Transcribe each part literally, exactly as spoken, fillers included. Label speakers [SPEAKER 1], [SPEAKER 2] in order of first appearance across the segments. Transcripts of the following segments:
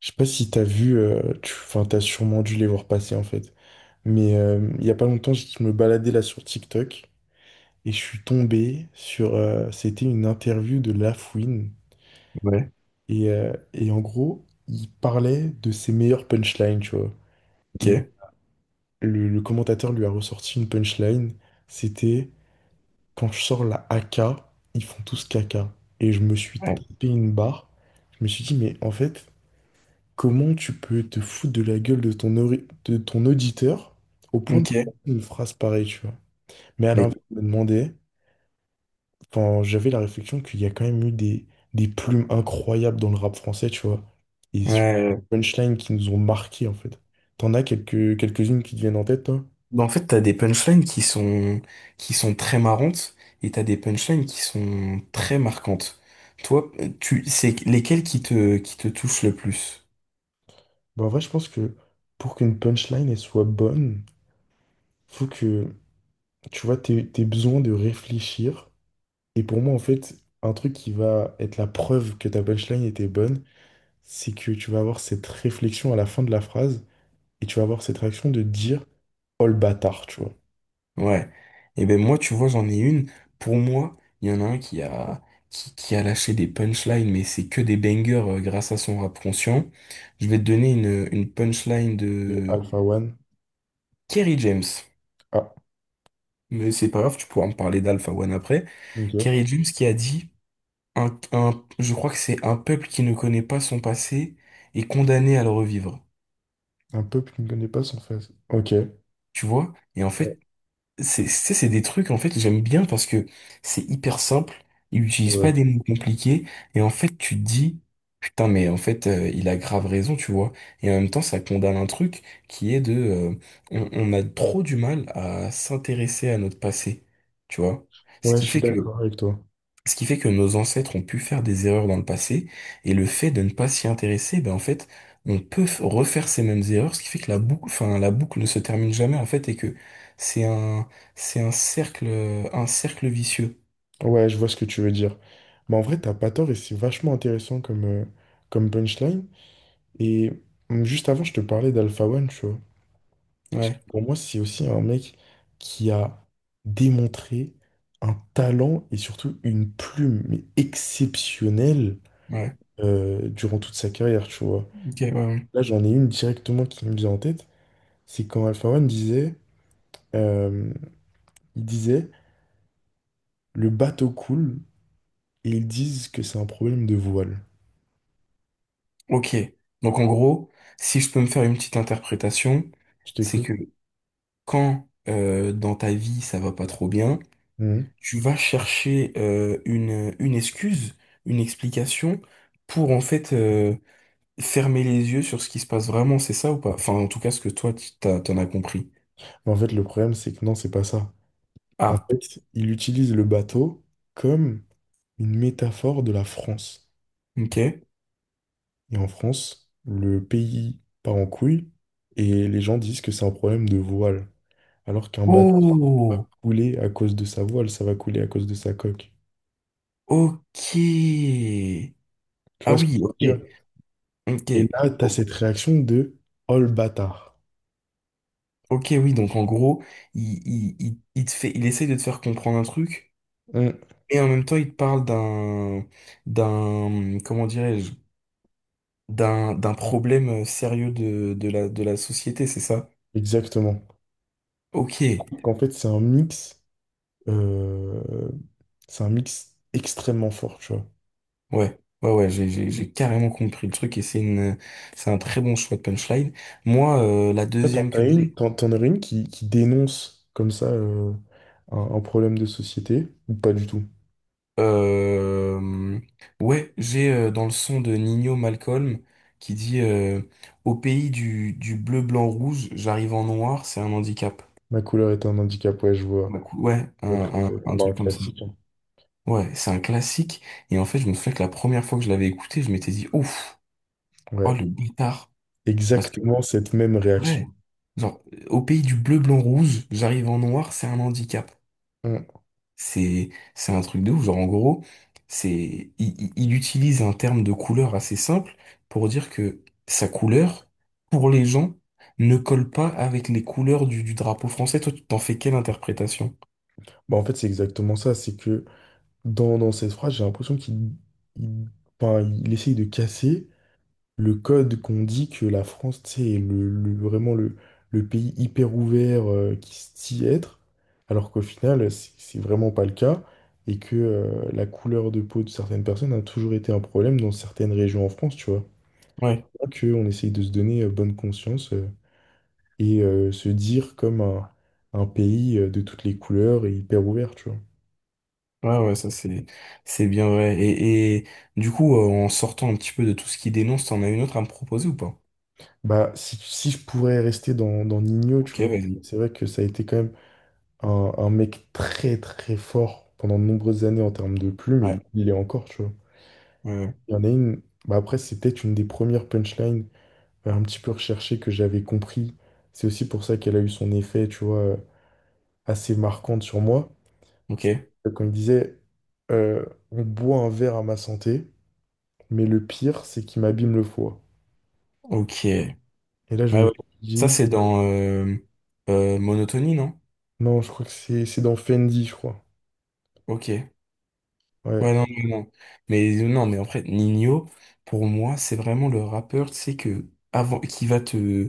[SPEAKER 1] Je sais pas si t'as vu, euh, tu, enfin, t'as sûrement dû les voir passer en fait. Mais euh, il y a pas longtemps, je me baladais là sur TikTok et je suis tombé sur, euh, c'était une interview de Lafouine
[SPEAKER 2] Ouais,
[SPEAKER 1] et, euh, et en gros, il parlait de ses meilleures punchlines, tu vois. Et
[SPEAKER 2] ok.
[SPEAKER 1] le, le commentateur lui a ressorti une punchline, c'était quand je sors la A K, ils font tous caca. Et je me suis
[SPEAKER 2] Ouais,
[SPEAKER 1] tapé une barre. Je me suis dit mais en fait. Comment tu peux te foutre de la gueule de ton, ori- de ton auditeur au point de
[SPEAKER 2] ok.
[SPEAKER 1] une phrase pareille, tu vois? Mais à
[SPEAKER 2] Mais
[SPEAKER 1] l'inverse, je me demandais, quand j'avais la réflexion qu'il y a quand même eu des, des plumes incroyables dans le rap français, tu vois, et sur
[SPEAKER 2] ouais,
[SPEAKER 1] punchline qui nous ont marqué, en fait. T'en as quelques, quelques-unes qui te viennent en tête, toi?
[SPEAKER 2] bah en fait, t'as des punchlines qui sont qui sont très marrantes et t'as des punchlines qui sont très marquantes. Toi, tu c'est lesquelles qui te qui te touchent le plus?
[SPEAKER 1] Bah, en vrai, je pense que pour qu'une punchline, elle soit bonne, faut que, tu vois, t'aies, t'aies besoin de réfléchir. Et pour moi, en fait, un truc qui va être la preuve que ta punchline était bonne, c'est que tu vas avoir cette réflexion à la fin de la phrase et tu vas avoir cette réaction de dire Oh le bâtard, tu vois.
[SPEAKER 2] Ouais. Et ben moi, tu vois, j'en ai une. Pour moi, il y en a un qui a qui, qui a lâché des punchlines, mais c'est que des bangers euh, grâce à son rap conscient. Je vais te donner une une punchline
[SPEAKER 1] Et
[SPEAKER 2] de
[SPEAKER 1] Alpha One.
[SPEAKER 2] Kerry James.
[SPEAKER 1] Ah,
[SPEAKER 2] Mais c'est pas grave, tu pourras me parler d'Alpha One après.
[SPEAKER 1] ok.
[SPEAKER 2] Kerry James qui a dit un, un- je crois que c'est un peuple qui ne connaît pas son passé est condamné à le revivre.
[SPEAKER 1] Un peuple qui ne connaît pas son face. Ok.
[SPEAKER 2] Tu vois? Et en
[SPEAKER 1] Ouais,
[SPEAKER 2] fait, c'est, c'est c'est des trucs, en fait, que j'aime bien parce que c'est hyper simple. Il
[SPEAKER 1] c'est
[SPEAKER 2] n'utilise
[SPEAKER 1] vrai.
[SPEAKER 2] pas des mots compliqués. Et en fait, tu te dis, putain, mais en fait, euh, il a grave raison, tu vois? Et en même temps, ça condamne un truc qui est de, euh, on, on a trop du mal à s'intéresser à notre passé. Tu vois? Ce
[SPEAKER 1] Ouais, je
[SPEAKER 2] qui
[SPEAKER 1] suis
[SPEAKER 2] fait que
[SPEAKER 1] d'accord avec toi.
[SPEAKER 2] Ce qui fait que nos ancêtres ont pu faire des erreurs dans le passé, et le fait de ne pas s'y intéresser, ben en fait, on peut f- refaire ces mêmes erreurs, ce qui fait que la boucle, enfin, la boucle ne se termine jamais, en fait, et que c'est un, c'est un cercle, un cercle vicieux.
[SPEAKER 1] Ouais, je vois ce que tu veux dire. Mais en vrai, t'as pas tort et c'est vachement intéressant comme, euh, comme punchline. Et hum, juste avant, je te parlais d'Alpha One, tu vois. Parce que
[SPEAKER 2] Ouais,
[SPEAKER 1] Pour moi, c'est aussi un mec qui a démontré un talent et surtout une plume mais exceptionnelle
[SPEAKER 2] ouais,
[SPEAKER 1] euh, durant toute sa carrière, tu vois.
[SPEAKER 2] ok, ouais, ouais.
[SPEAKER 1] Là, j'en ai une directement qui me vient en tête, c'est quand Alpha One disait, euh, il disait, le bateau coule et ils disent que c'est un problème de voile.
[SPEAKER 2] Ok. Donc en gros, si je peux me faire une petite interprétation,
[SPEAKER 1] Je
[SPEAKER 2] c'est que
[SPEAKER 1] t'écoute.
[SPEAKER 2] quand euh, dans ta vie ça va pas trop bien,
[SPEAKER 1] Mhm.
[SPEAKER 2] tu vas chercher euh, une, une excuse, une explication pour en fait euh, fermer les yeux sur ce qui se passe vraiment, c'est ça ou pas? Enfin, en tout cas, ce que toi, tu t'as- t'en as compris.
[SPEAKER 1] Mais en fait, le problème, c'est que non, c'est pas ça. En
[SPEAKER 2] Ah,
[SPEAKER 1] fait, il utilise le bateau comme une métaphore de la France.
[SPEAKER 2] ok.
[SPEAKER 1] Et en France, le pays part en couille et les gens disent que c'est un problème de voile. Alors qu'un bateau va
[SPEAKER 2] Oh,
[SPEAKER 1] couler à cause de sa voile, ça va couler à cause de sa coque.
[SPEAKER 2] ok.
[SPEAKER 1] Tu
[SPEAKER 2] Ah
[SPEAKER 1] vois ce que
[SPEAKER 2] oui,
[SPEAKER 1] je veux
[SPEAKER 2] ok,
[SPEAKER 1] dire?
[SPEAKER 2] ok.
[SPEAKER 1] Et là, tu as
[SPEAKER 2] O-
[SPEAKER 1] cette réaction de Oh le bâtard.
[SPEAKER 2] Ok, oui, donc en gros, il, il, il, il te fait, il essaye de te faire comprendre un truc,
[SPEAKER 1] Mm.
[SPEAKER 2] et en même temps, il te parle d'un, d'un, comment dirais-je, d'un, d'un problème euh, sérieux de, de la, de la société, c'est ça?
[SPEAKER 1] Exactement.
[SPEAKER 2] Ok.
[SPEAKER 1] Je trouve qu'en fait, c'est un mix, euh, c'est un mix extrêmement fort, tu vois.
[SPEAKER 2] Ouais, ouais, ouais, j'ai, j'ai, j'ai carrément compris le truc et c'est une, c'est un très bon choix de punchline. Moi, euh, la
[SPEAKER 1] En fait, t'en
[SPEAKER 2] deuxième
[SPEAKER 1] as
[SPEAKER 2] que
[SPEAKER 1] une,
[SPEAKER 2] j'ai,
[SPEAKER 1] t'en- t'en aurais une qui, qui dénonce comme ça euh, un, un problème de société, ou pas du tout.
[SPEAKER 2] euh, ouais, j'ai euh, dans le son de Nino Malcolm qui dit euh, au pays du, du bleu, blanc, rouge, j'arrive en noir, c'est un handicap.
[SPEAKER 1] Ma couleur est un handicap, ouais, je vois.
[SPEAKER 2] Bah, cou- Ouais, un,
[SPEAKER 1] Ouais, très, très
[SPEAKER 2] un,
[SPEAKER 1] bien.
[SPEAKER 2] un
[SPEAKER 1] Bah, un
[SPEAKER 2] truc comme ça.
[SPEAKER 1] classique, hein.
[SPEAKER 2] Ouais, c'est un classique. Et en fait, je me souviens que la première fois que je l'avais écouté, je m'étais dit, ouf, oh
[SPEAKER 1] Ouais,
[SPEAKER 2] le bâtard. Parce que,
[SPEAKER 1] exactement cette même réaction.
[SPEAKER 2] ouais, genre, au pays du bleu, blanc, rouge, j'arrive en noir, c'est un handicap.
[SPEAKER 1] Mm.
[SPEAKER 2] C'est, c'est un truc de ouf. Genre, en gros, c'est, il, il- il utilise un terme de couleur assez simple pour dire que sa couleur, pour les gens, ne colle pas avec les couleurs du, du drapeau français. Toi, tu t'en fais quelle interprétation?
[SPEAKER 1] Bah, en fait, c'est exactement ça, c'est que Dans, dans cette phrase, j'ai l'impression qu'il il, enfin, il essaye de casser le code qu'on dit que la France, tu sais, est le, le- vraiment le, le pays hyper ouvert euh, qui se dit être, alors qu'au final, c'est c'est vraiment pas le cas, et que euh, la couleur de peau de certaines personnes a toujours été un problème dans certaines régions en France, tu vois.
[SPEAKER 2] Ouais,
[SPEAKER 1] Que on essaye de se donner euh, bonne conscience euh, et euh, se dire comme un, un pays euh, de toutes les couleurs et hyper ouvert, tu vois.
[SPEAKER 2] ouais, ouais, ça c'est, c'est bien vrai. Et, et du coup, euh, en sortant un petit peu de tout ce qui dénonce, t'en as une autre à me proposer ou pas?
[SPEAKER 1] Bah, si, si je pourrais rester dans, dans Nino, tu
[SPEAKER 2] Ok,
[SPEAKER 1] vois,
[SPEAKER 2] vas-y.
[SPEAKER 1] c'est vrai que ça a été quand même un, un mec très très fort pendant de nombreuses années en termes de plumes, et
[SPEAKER 2] Ouais,
[SPEAKER 1] il, il est encore, tu vois.
[SPEAKER 2] ouais, ouais.
[SPEAKER 1] Il y en a une, bah après, c'est peut-être une des premières punchlines euh, un petit peu recherchées que j'avais compris. C'est aussi pour ça qu'elle a eu son effet, tu vois, euh, assez marquante sur moi.
[SPEAKER 2] Ok,
[SPEAKER 1] C'est Quand il disait euh, on boit un verre à ma santé, mais le pire, c'est qu'il m'abîme le foie.
[SPEAKER 2] ok. Ouais,
[SPEAKER 1] Et là, je me
[SPEAKER 2] ouais.
[SPEAKER 1] suis
[SPEAKER 2] Ça,
[SPEAKER 1] dit,
[SPEAKER 2] c'est dans euh, euh, Monotonie, non?
[SPEAKER 1] non, je crois que c'est c'est dans Fendi, je crois.
[SPEAKER 2] Ok. Ouais,
[SPEAKER 1] Ouais.
[SPEAKER 2] non, non, non. Mais euh, non, mais en fait, Nino, pour moi, c'est vraiment le rappeur, tu sais, que avant, qui va te,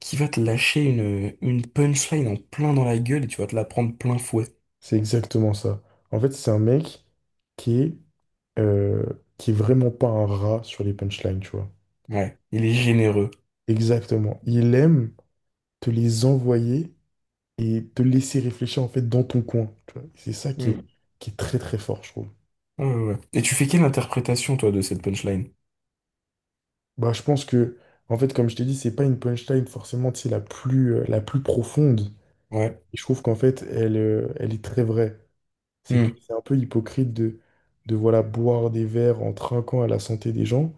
[SPEAKER 2] qui va te lâcher une, une punchline en plein dans la gueule et tu vas te la prendre plein fouet.
[SPEAKER 1] C'est exactement ça. En fait, c'est un mec qui est, euh, qui est vraiment pas un rat sur les punchlines, tu vois.
[SPEAKER 2] Ouais, il est généreux.
[SPEAKER 1] Exactement. Il aime te les envoyer et te laisser réfléchir en fait dans ton coin, tu vois. C'est ça qui est,
[SPEAKER 2] Hmm.
[SPEAKER 1] qui est très très fort, je trouve.
[SPEAKER 2] Ouais, ouais, ouais. Et tu fais quelle interprétation, toi, de cette punchline?
[SPEAKER 1] Bah, je pense que, en fait, comme je t'ai dit, c'est pas une punchline forcément, tu sais, la plus, euh, la plus profonde.
[SPEAKER 2] Ouais.
[SPEAKER 1] Et je trouve qu'en fait, elle, euh, elle est très vraie. C'est que
[SPEAKER 2] Hmm.
[SPEAKER 1] c'est un peu hypocrite de, de voilà, boire des verres en trinquant à la santé des gens,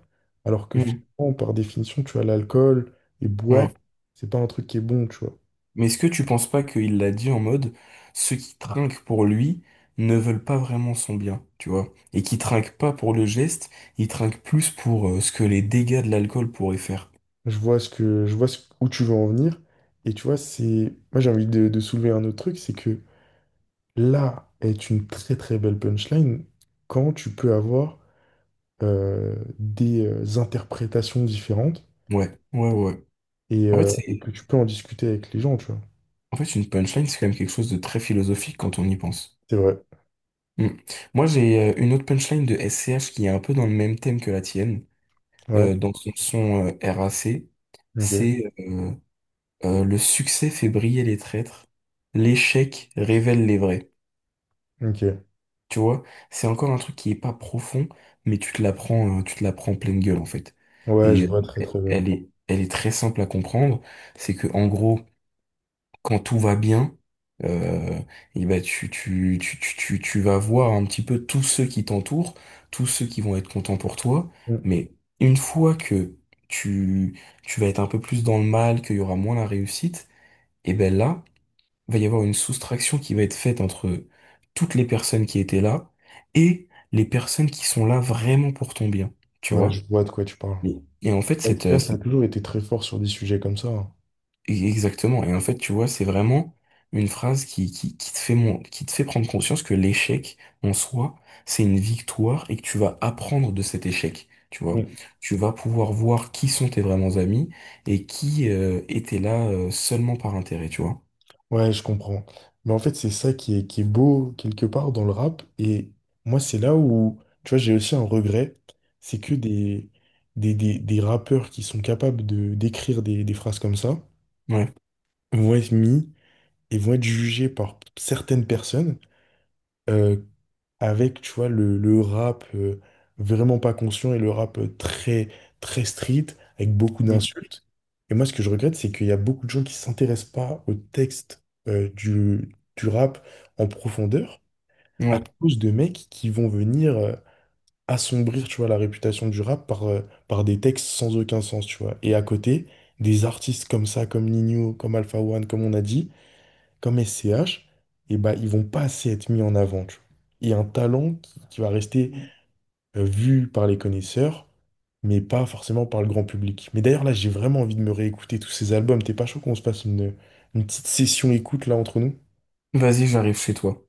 [SPEAKER 1] alors que
[SPEAKER 2] Hmm.
[SPEAKER 1] finalement, par définition, tu as l'alcool et boire,
[SPEAKER 2] Ouais.
[SPEAKER 1] c'est pas un truc qui est bon, tu vois.
[SPEAKER 2] Mais est-ce que tu penses pas qu'il l'a dit en mode ceux qui trinquent pour lui ne veulent pas vraiment son bien, tu vois? Et qui trinquent pas pour le geste, ils trinquent plus pour euh, ce que les dégâts de l'alcool pourraient faire.
[SPEAKER 1] Je vois ce que, je vois ce- où tu veux en venir. Et tu vois, c'est. Moi, j'ai envie de, de soulever un autre truc, c'est que là est une très très belle punchline quand tu peux avoir euh, des euh, interprétations différentes
[SPEAKER 2] Ouais, ouais, ouais.
[SPEAKER 1] et,
[SPEAKER 2] En fait,
[SPEAKER 1] euh,
[SPEAKER 2] c'est,
[SPEAKER 1] et que tu peux en discuter avec les gens, tu vois.
[SPEAKER 2] en fait, une punchline, c'est quand même quelque chose de très philosophique quand on y pense.
[SPEAKER 1] C'est vrai.
[SPEAKER 2] Mm. Moi, j'ai euh, une autre punchline de S C H qui est un peu dans le même thème que la tienne,
[SPEAKER 1] Ouais.
[SPEAKER 2] euh, dans son son euh, R A C,
[SPEAKER 1] Ok.
[SPEAKER 2] c'est euh, euh, le succès fait briller les traîtres, l'échec révèle les vrais.
[SPEAKER 1] Ok.
[SPEAKER 2] Tu vois, c'est encore un truc qui est pas profond, mais tu te la prends, euh, tu te la prends en pleine gueule en fait.
[SPEAKER 1] Ouais,
[SPEAKER 2] Et
[SPEAKER 1] je
[SPEAKER 2] euh,
[SPEAKER 1] vois très
[SPEAKER 2] elle
[SPEAKER 1] très bien.
[SPEAKER 2] elle est, elle est très simple à comprendre. C'est que en gros, quand tout va bien, euh, et ben tu, tu, tu, tu, tu, tu vas voir un petit peu tous ceux qui t'entourent, tous ceux qui vont être contents pour toi.
[SPEAKER 1] Mm.
[SPEAKER 2] Mais une fois que tu, tu vas être un peu plus dans le mal, qu'il y aura moins la réussite, et ben là va y avoir une soustraction qui va être faite entre toutes les personnes qui étaient là et les personnes qui sont là vraiment pour ton bien, tu
[SPEAKER 1] Ouais,
[SPEAKER 2] vois?
[SPEAKER 1] je vois de quoi tu parles.
[SPEAKER 2] Et et en fait, cette, euh,
[SPEAKER 1] L'expert a
[SPEAKER 2] cette-
[SPEAKER 1] toujours été très fort sur des sujets comme ça, hein.
[SPEAKER 2] exactement. Et en fait, tu vois, c'est vraiment une phrase qui, qui, qui te fait mon, qui te fait prendre conscience que l'échec en soi, c'est une victoire et que tu vas apprendre de cet échec. Tu vois,
[SPEAKER 1] Mm.
[SPEAKER 2] tu vas pouvoir voir qui sont tes vraiment amis et qui euh, étaient là euh, seulement par intérêt, tu vois.
[SPEAKER 1] Ouais, je comprends. Mais en fait, c'est ça qui est, qui est beau quelque part dans le rap. Et moi, c'est là où, tu vois, j'ai aussi un regret. C'est que des, des, des, des rappeurs qui sont capables de d'écrire des, des phrases comme ça
[SPEAKER 2] Ouais.
[SPEAKER 1] vont être mis et vont être jugés par certaines personnes euh, avec, tu vois, le, le rap euh, vraiment pas conscient et le rap euh, très, très street, avec beaucoup
[SPEAKER 2] Mm.
[SPEAKER 1] d'insultes. Et moi, ce que je regrette, c'est qu'il y a beaucoup de gens qui s'intéressent pas au texte euh, du, du rap en profondeur, à
[SPEAKER 2] Ouais.
[SPEAKER 1] cause de mecs qui vont venir euh, assombrir, tu vois, la réputation du rap par, euh, par des textes sans aucun sens, tu vois. Et à côté, des artistes comme ça, comme Nino, comme Alpha One, comme on a dit, comme S C H, et ben ils vont pas assez être mis en avant, tu vois. Et un talent qui, qui va rester euh, vu par les connaisseurs, mais pas forcément par le grand public. Mais d'ailleurs, là, j'ai vraiment envie de me réécouter tous ces albums. T'es pas chaud qu'on se passe une, une petite session écoute là entre nous?
[SPEAKER 2] Vas-y, j'arrive chez toi.